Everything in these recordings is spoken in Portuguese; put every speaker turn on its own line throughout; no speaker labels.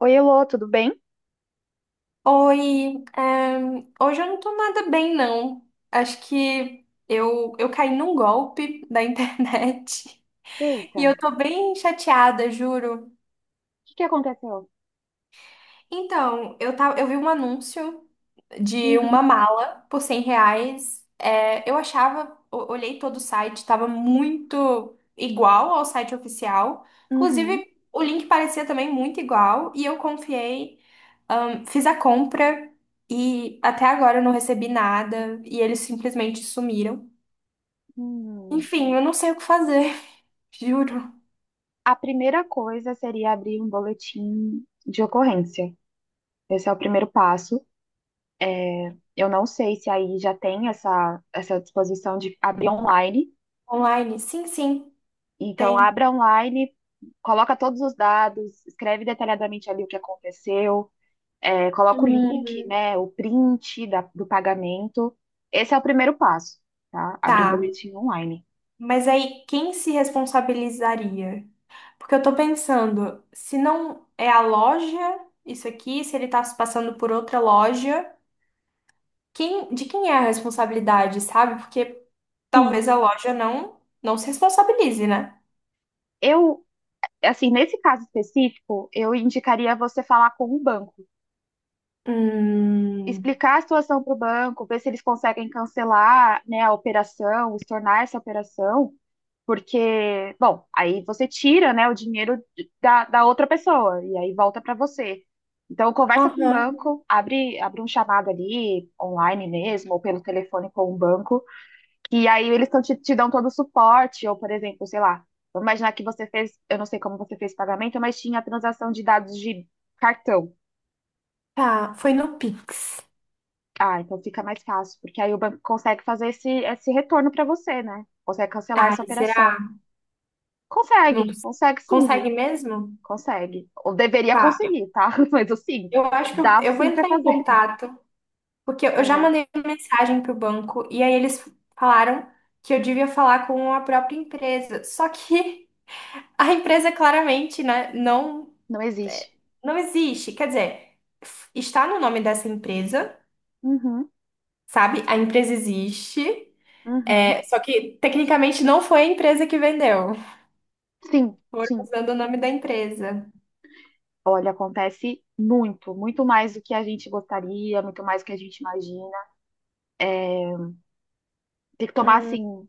Oi, Elô, tudo bem?
Oi, hoje eu não tô nada bem, não. Acho que eu caí num golpe da internet
Eita,
e
o
eu tô bem chateada, juro.
que que aconteceu?
Então, eu vi um anúncio de
Uhum,
uma mala por R$ 100. É, olhei todo o site, estava muito igual ao site oficial.
uhum.
Inclusive, o link parecia também muito igual. E eu confiei, fiz a compra e até agora eu não recebi nada. E eles simplesmente sumiram.
Hum,
Enfim, eu não sei o que fazer, juro.
a primeira coisa seria abrir um boletim de ocorrência. Esse é o primeiro passo. Eu não sei se aí já tem essa disposição de abrir online.
Online? Sim, sim,
Então,
tem.
abra online, coloca todos os dados, escreve detalhadamente ali o que aconteceu, coloca o link,
Hum,
né, o print do pagamento. Esse é o primeiro passo, tá? Abrir um
tá.
boletim online.
Mas aí, quem se responsabilizaria? Porque eu tô pensando, se não é a loja, isso aqui, se ele tá se passando por outra loja, de quem é a responsabilidade, sabe? Porque
Sim.
talvez a loja não se responsabilize, né?
Eu assim, nesse caso específico, eu indicaria você falar com o banco,
Hum,
explicar a situação para o banco, ver se eles conseguem cancelar, né, a operação, estornar essa operação, porque, bom, aí você tira, né, o dinheiro da outra pessoa e aí volta para você. Então, conversa com o
aham,
banco, abre um chamado ali, online mesmo, ou pelo telefone com o banco, e aí eles tão, te dão todo o suporte, ou por exemplo, sei lá, vamos imaginar que você fez, eu não sei como você fez o pagamento, mas tinha a transação de dados de cartão.
tá, foi no Pix.
Ah, então fica mais fácil, porque aí o banco consegue fazer esse retorno para você, né? Consegue cancelar essa
Ai,
operação.
será? Não
Consegue, consegue sim, viu?
consegue mesmo?
Consegue. Ou deveria
Tá,
conseguir, tá? Mas assim,
eu acho que eu,
dá
eu vou
sim para
entrar em
fazer.
contato. Porque eu já
Aham.
mandei uma mensagem pro banco e aí eles falaram que eu devia falar com a própria empresa. Só que a empresa claramente, né,
Não
é,
existe.
não existe. Quer dizer, está no nome dessa empresa,
Uhum,
sabe? A empresa existe,
uhum.
é, só que tecnicamente não foi a empresa que vendeu.
Sim,
Foram
sim.
usando o nome da empresa.
Olha, acontece muito, muito mais do que a gente gostaria, muito mais do que a gente imagina. Tem que tomar,
Hum.
assim,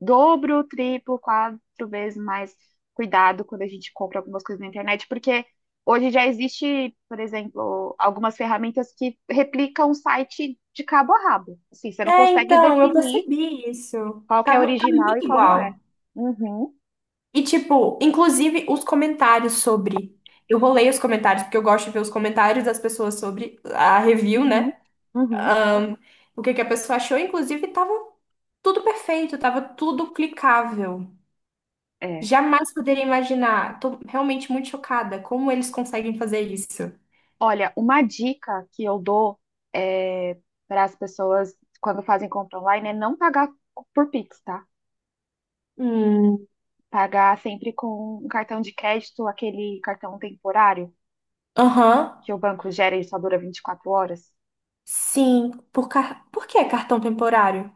dobro, triplo, quatro vezes mais cuidado quando a gente compra algumas coisas na internet, porque hoje já existe, por exemplo, algumas ferramentas que replicam o site de cabo a rabo. Assim, você não
É,
consegue
então, eu
definir
percebi isso.
qual que é
Tá
original e
muito
qual não é.
igual.
Uhum,
E, tipo, inclusive os comentários sobre. Eu vou ler os comentários, porque eu gosto de ver os comentários das pessoas sobre a review,
uhum,
né?
uhum.
Ahn, o que que a pessoa achou. Inclusive, tava tudo perfeito, tava tudo clicável.
É.
Jamais poderia imaginar. Tô realmente muito chocada. Como eles conseguem fazer isso?
Olha, uma dica que eu dou eh, para as pessoas quando fazem compra online é não pagar por Pix, tá?
Hum.
Pagar sempre com um cartão de crédito, aquele cartão temporário
Aham.
que o banco gera e só dura 24 horas.
Sim. Por que cartão temporário?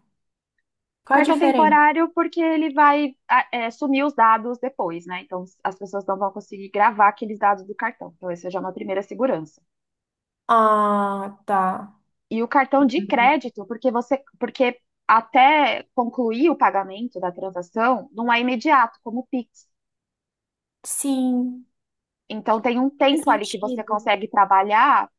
Qual a
Cartão
diferença?
temporário porque ele vai sumir os dados depois, né? Então as pessoas não vão conseguir gravar aqueles dados do cartão. Então, essa já é uma primeira segurança.
Ah, tá.
E o cartão de crédito, porque você, porque até concluir o pagamento da transação, não é imediato, como o Pix.
Sim.
Então tem um
Faz
tempo ali que você
sentido.
consegue trabalhar,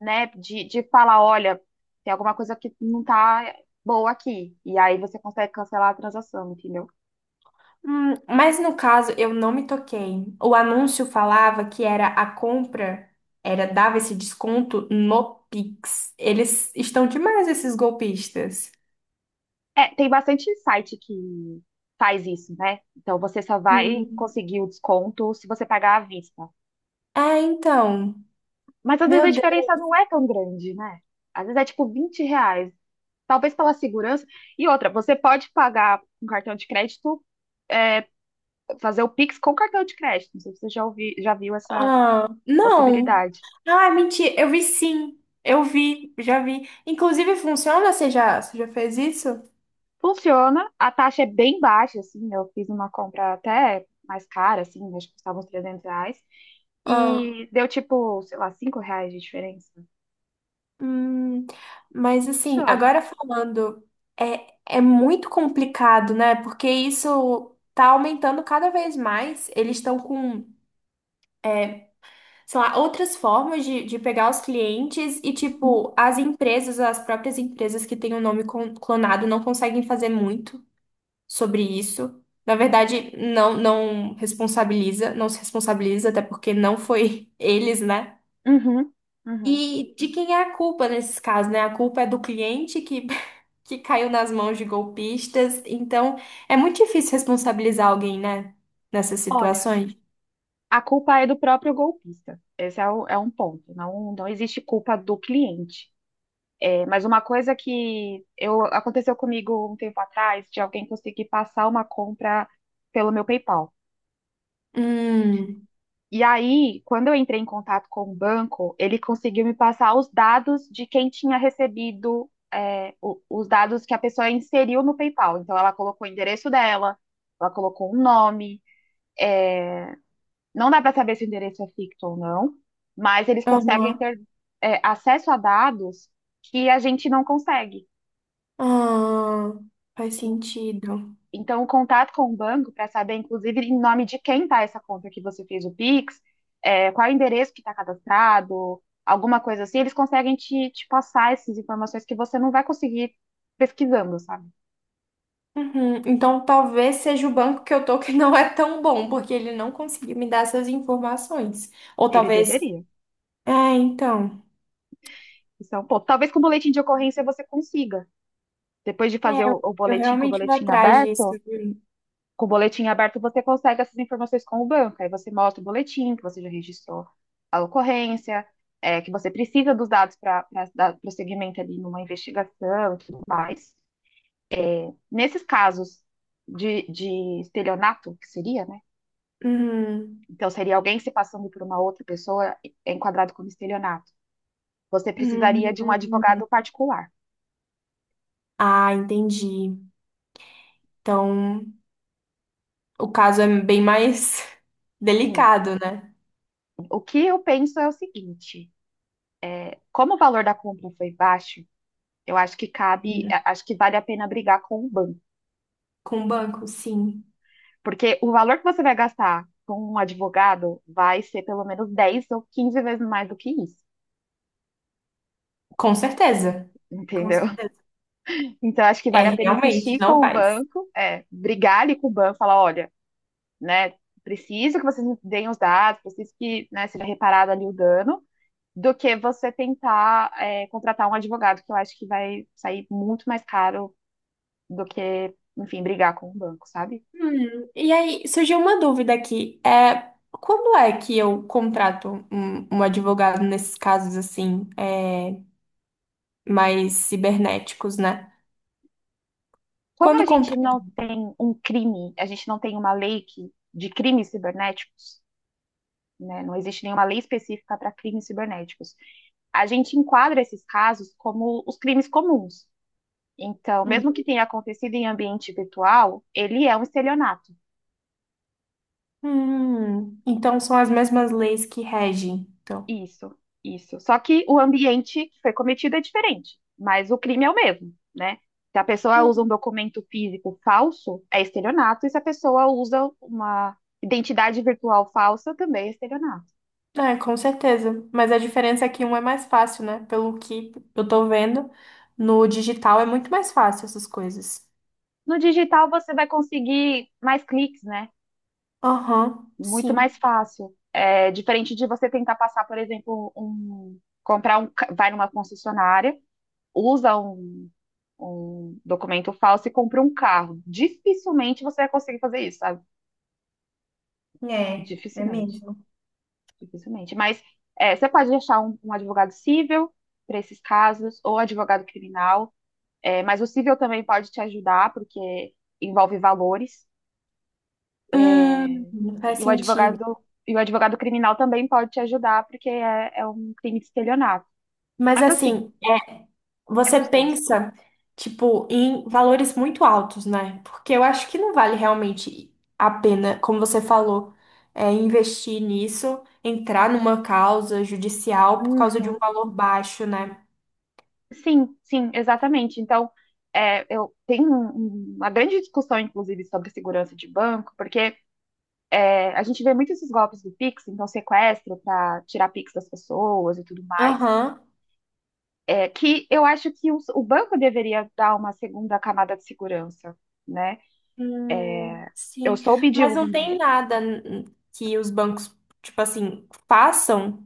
né, de falar, olha, tem alguma coisa que não tá boa aqui. E aí você consegue cancelar a transação, entendeu?
Mas no caso, eu não me toquei. O anúncio falava que era a compra, era dava esse desconto no Pix. Eles estão demais, esses golpistas.
É, tem bastante site que faz isso, né? Então você só vai
Hum.
conseguir o desconto se você pagar à vista.
É, então.
Mas às vezes
Meu
a
Deus.
diferença não é tão grande, né? Às vezes é tipo R$ 20. Talvez pela segurança. E outra, você pode pagar com cartão de crédito, fazer o Pix com cartão de crédito. Não sei se você já ouvi, já viu essa
Ah, não.
possibilidade.
Ah, mentira. Eu vi sim. Já vi. Inclusive, funciona? Você já fez isso?
Funciona, a taxa é bem baixa, assim, eu fiz uma compra até mais cara, assim, acho que custava uns R$ 300,
Ah.
e deu tipo, sei lá, R$ 5 de diferença.
Hum, mas assim,
Funciona.
agora falando, é muito complicado, né? Porque isso tá aumentando cada vez mais. Eles estão com, sei lá, outras formas de pegar os clientes e, tipo, as próprias empresas que têm o nome clonado não conseguem fazer muito sobre isso. Na verdade, não responsabiliza, não se responsabiliza, até porque não foi eles, né?
Uhum, uhum.
E de quem é a culpa nesses casos, né? A culpa é do cliente que caiu nas mãos de golpistas. Então, é muito difícil responsabilizar alguém, né? Nessas
Olha,
situações.
a culpa é do próprio golpista. Esse é um ponto. Não, não existe culpa do cliente. É, mas uma coisa que eu, aconteceu comigo um tempo atrás, de alguém conseguir passar uma compra pelo meu PayPal.
Hum,
E aí, quando eu entrei em contato com o banco, ele conseguiu me passar os dados de quem tinha recebido, os dados que a pessoa inseriu no PayPal. Então, ela colocou o endereço dela, ela colocou um nome. Não dá para saber se o endereço é ficto ou não, mas eles conseguem
aham.
ter, acesso a dados que a gente não consegue.
Ah, faz sentido.
Então, o contato com o banco para saber, inclusive, em nome de quem está essa conta que você fez o Pix, é, qual é o endereço que está cadastrado, alguma coisa assim, eles conseguem te, passar essas informações que você não vai conseguir pesquisando, sabe?
Uhum. Então, talvez seja o banco que eu tô que não é tão bom, porque ele não conseguiu me dar essas informações. Ou
Ele
talvez.
deveria.
É, então.
Isso é um ponto. Talvez com o boletim de ocorrência você consiga. Depois de fazer
É,
o
eu
boletim com o
realmente vou
boletim
atrás disso,
aberto,
viu?
você consegue essas informações com o banco. Aí você mostra o boletim, que você já registrou a ocorrência, que você precisa dos dados para dar prosseguimento ali numa investigação e tudo mais. Nesses casos de estelionato, que seria, né?
Uhum.
Então, seria alguém se passando por uma outra pessoa é enquadrado como estelionato. Você precisaria de um
Uhum.
advogado particular.
Ah, entendi. Então, o caso é bem mais
Sim,
delicado, né?
o que eu penso é o seguinte: como o valor da compra foi baixo, eu acho que cabe,
Sim.
acho que vale a pena brigar com o banco.
Com o banco, sim.
Porque o valor que você vai gastar com um advogado vai ser pelo menos 10 ou 15 vezes mais do que isso.
Com certeza, com
Entendeu?
certeza.
Então, acho que vale a
É,
pena
realmente,
insistir com
não
o
faz.
banco, brigar ali com o banco, falar, olha, né, preciso que vocês me deem os dados, preciso que, né, seja reparado ali o dano, do que você tentar, contratar um advogado, que eu acho que vai sair muito mais caro do que, enfim, brigar com o banco, sabe?
E aí, surgiu uma dúvida aqui. É, quando é que eu contrato um advogado nesses casos, assim, é, mais cibernéticos, né?
Como
Quando
a gente
contrato.
não tem um crime, a gente não tem uma lei que, de crimes cibernéticos, né? Não existe nenhuma lei específica para crimes cibernéticos. A gente enquadra esses casos como os crimes comuns. Então, mesmo que tenha acontecido em ambiente virtual, ele é um estelionato.
Então são as mesmas leis que regem, então.
Isso, isso. Só que o ambiente que foi cometido é diferente, mas o crime é o mesmo, né? Se a pessoa usa
Hum,
um documento físico falso, é estelionato, e se a pessoa usa uma identidade virtual falsa, também é estelionato.
É, com certeza. Mas a diferença é que um é mais fácil, né? Pelo que eu tô vendo, no digital é muito mais fácil essas coisas.
No digital, você vai conseguir mais cliques, né?
Aham,
Muito
sim.
mais fácil. É diferente de você tentar passar, por exemplo, um, comprar um, vai numa concessionária, usa um documento falso e compra um carro. Dificilmente você vai conseguir fazer isso, sabe?
É, é
Dificilmente,
mesmo.
dificilmente. Mas você pode achar um advogado civil para esses casos ou advogado criminal. É, mas o civil também pode te ajudar porque envolve valores.
Faz
E o
sentido.
advogado, e o advogado criminal também pode te ajudar, porque é um crime de estelionato.
Mas
Mas assim,
assim,
é
você
custoso.
pensa, tipo, em valores muito altos, né? Porque eu acho que não vale realmente a pena, como você falou, é, investir nisso, entrar numa causa judicial por causa de
Uhum.
um valor baixo, né?
Sim, sim, exatamente. Então, eu tenho uma grande discussão, inclusive, sobre segurança de banco, porque a gente vê muito esses golpes do Pix, então sequestro para tirar Pix das pessoas e tudo mais,
Aham.
que eu acho que o banco deveria dar uma segunda camada de segurança, né? Eu
Sim.
soube de,
Mas não tem nada que os bancos, tipo assim, façam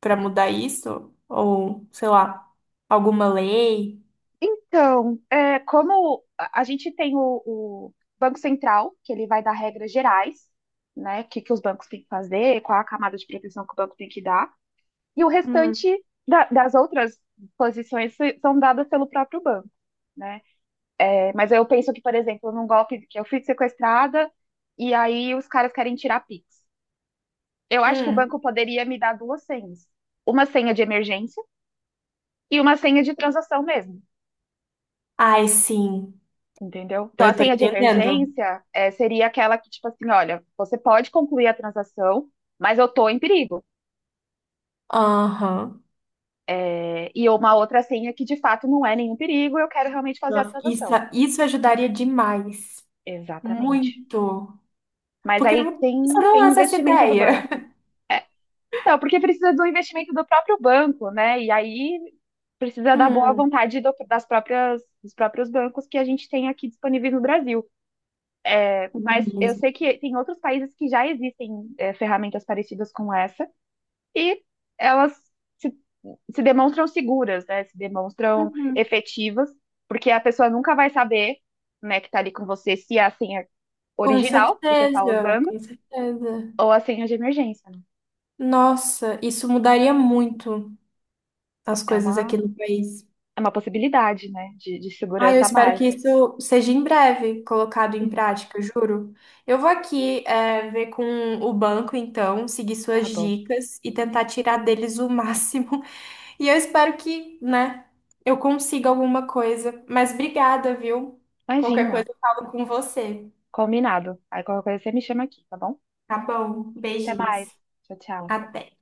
para mudar isso? Ou, sei lá, alguma lei?
então, como a gente tem o Banco Central, que ele vai dar regras gerais, né? O que, que os bancos têm que fazer, qual a camada de proteção que o banco tem que dar, e o
Hum.
restante das outras posições são dadas pelo próprio banco, né? É, mas eu penso que, por exemplo, num golpe que eu fui sequestrada e aí os caras querem tirar Pix. Eu acho que o
Hum.
banco poderia me dar duas senhas, uma senha de emergência e uma senha de transação mesmo.
Ai, sim.
Entendeu? Então,
Eu
assim,
tô
a senha de
entendendo.
emergência seria aquela que, tipo assim, olha, você pode concluir a transação, mas eu estou em perigo.
Aham.
E uma outra senha que, de fato, não é nenhum perigo, eu quero realmente fazer a
Nossa,
transação.
isso ajudaria demais.
Exatamente.
Muito.
Mas
Porque
aí
você
tem,
não
tem
lança essa
investimento do
ideia.
banco. É, então, porque precisa do investimento do próprio banco, né? E aí precisa da boa
Hum.
vontade das próprias, dos próprios bancos que a gente tem aqui disponíveis no Brasil. Mas eu
Mesmo.
sei que tem outros países que já existem ferramentas parecidas com essa. E elas se, se demonstram seguras, né? Se demonstram
Uhum.
efetivas, porque a pessoa nunca vai saber, né, que tá ali com você se é a senha
Com
original que você tá
certeza,
usando
com certeza.
ou a senha de emergência, né?
Nossa, isso mudaria muito as
É
coisas
uma,
aqui no país.
é uma possibilidade, né, de
Ah, eu
segurança a
espero
mais.
que isso seja em breve colocado em
Sim,
prática, juro. Eu vou aqui, é, ver com o banco, então, seguir
tá
suas
bom.
dicas e tentar tirar deles o máximo. E eu espero que, né, eu consiga alguma coisa. Mas obrigada, viu? Qualquer coisa
Imagina,
eu falo com você.
combinado. Aí qualquer coisa você me chama aqui, tá bom?
Tá bom,
Até
beijinhos.
mais. Tchau, tchau.
Até.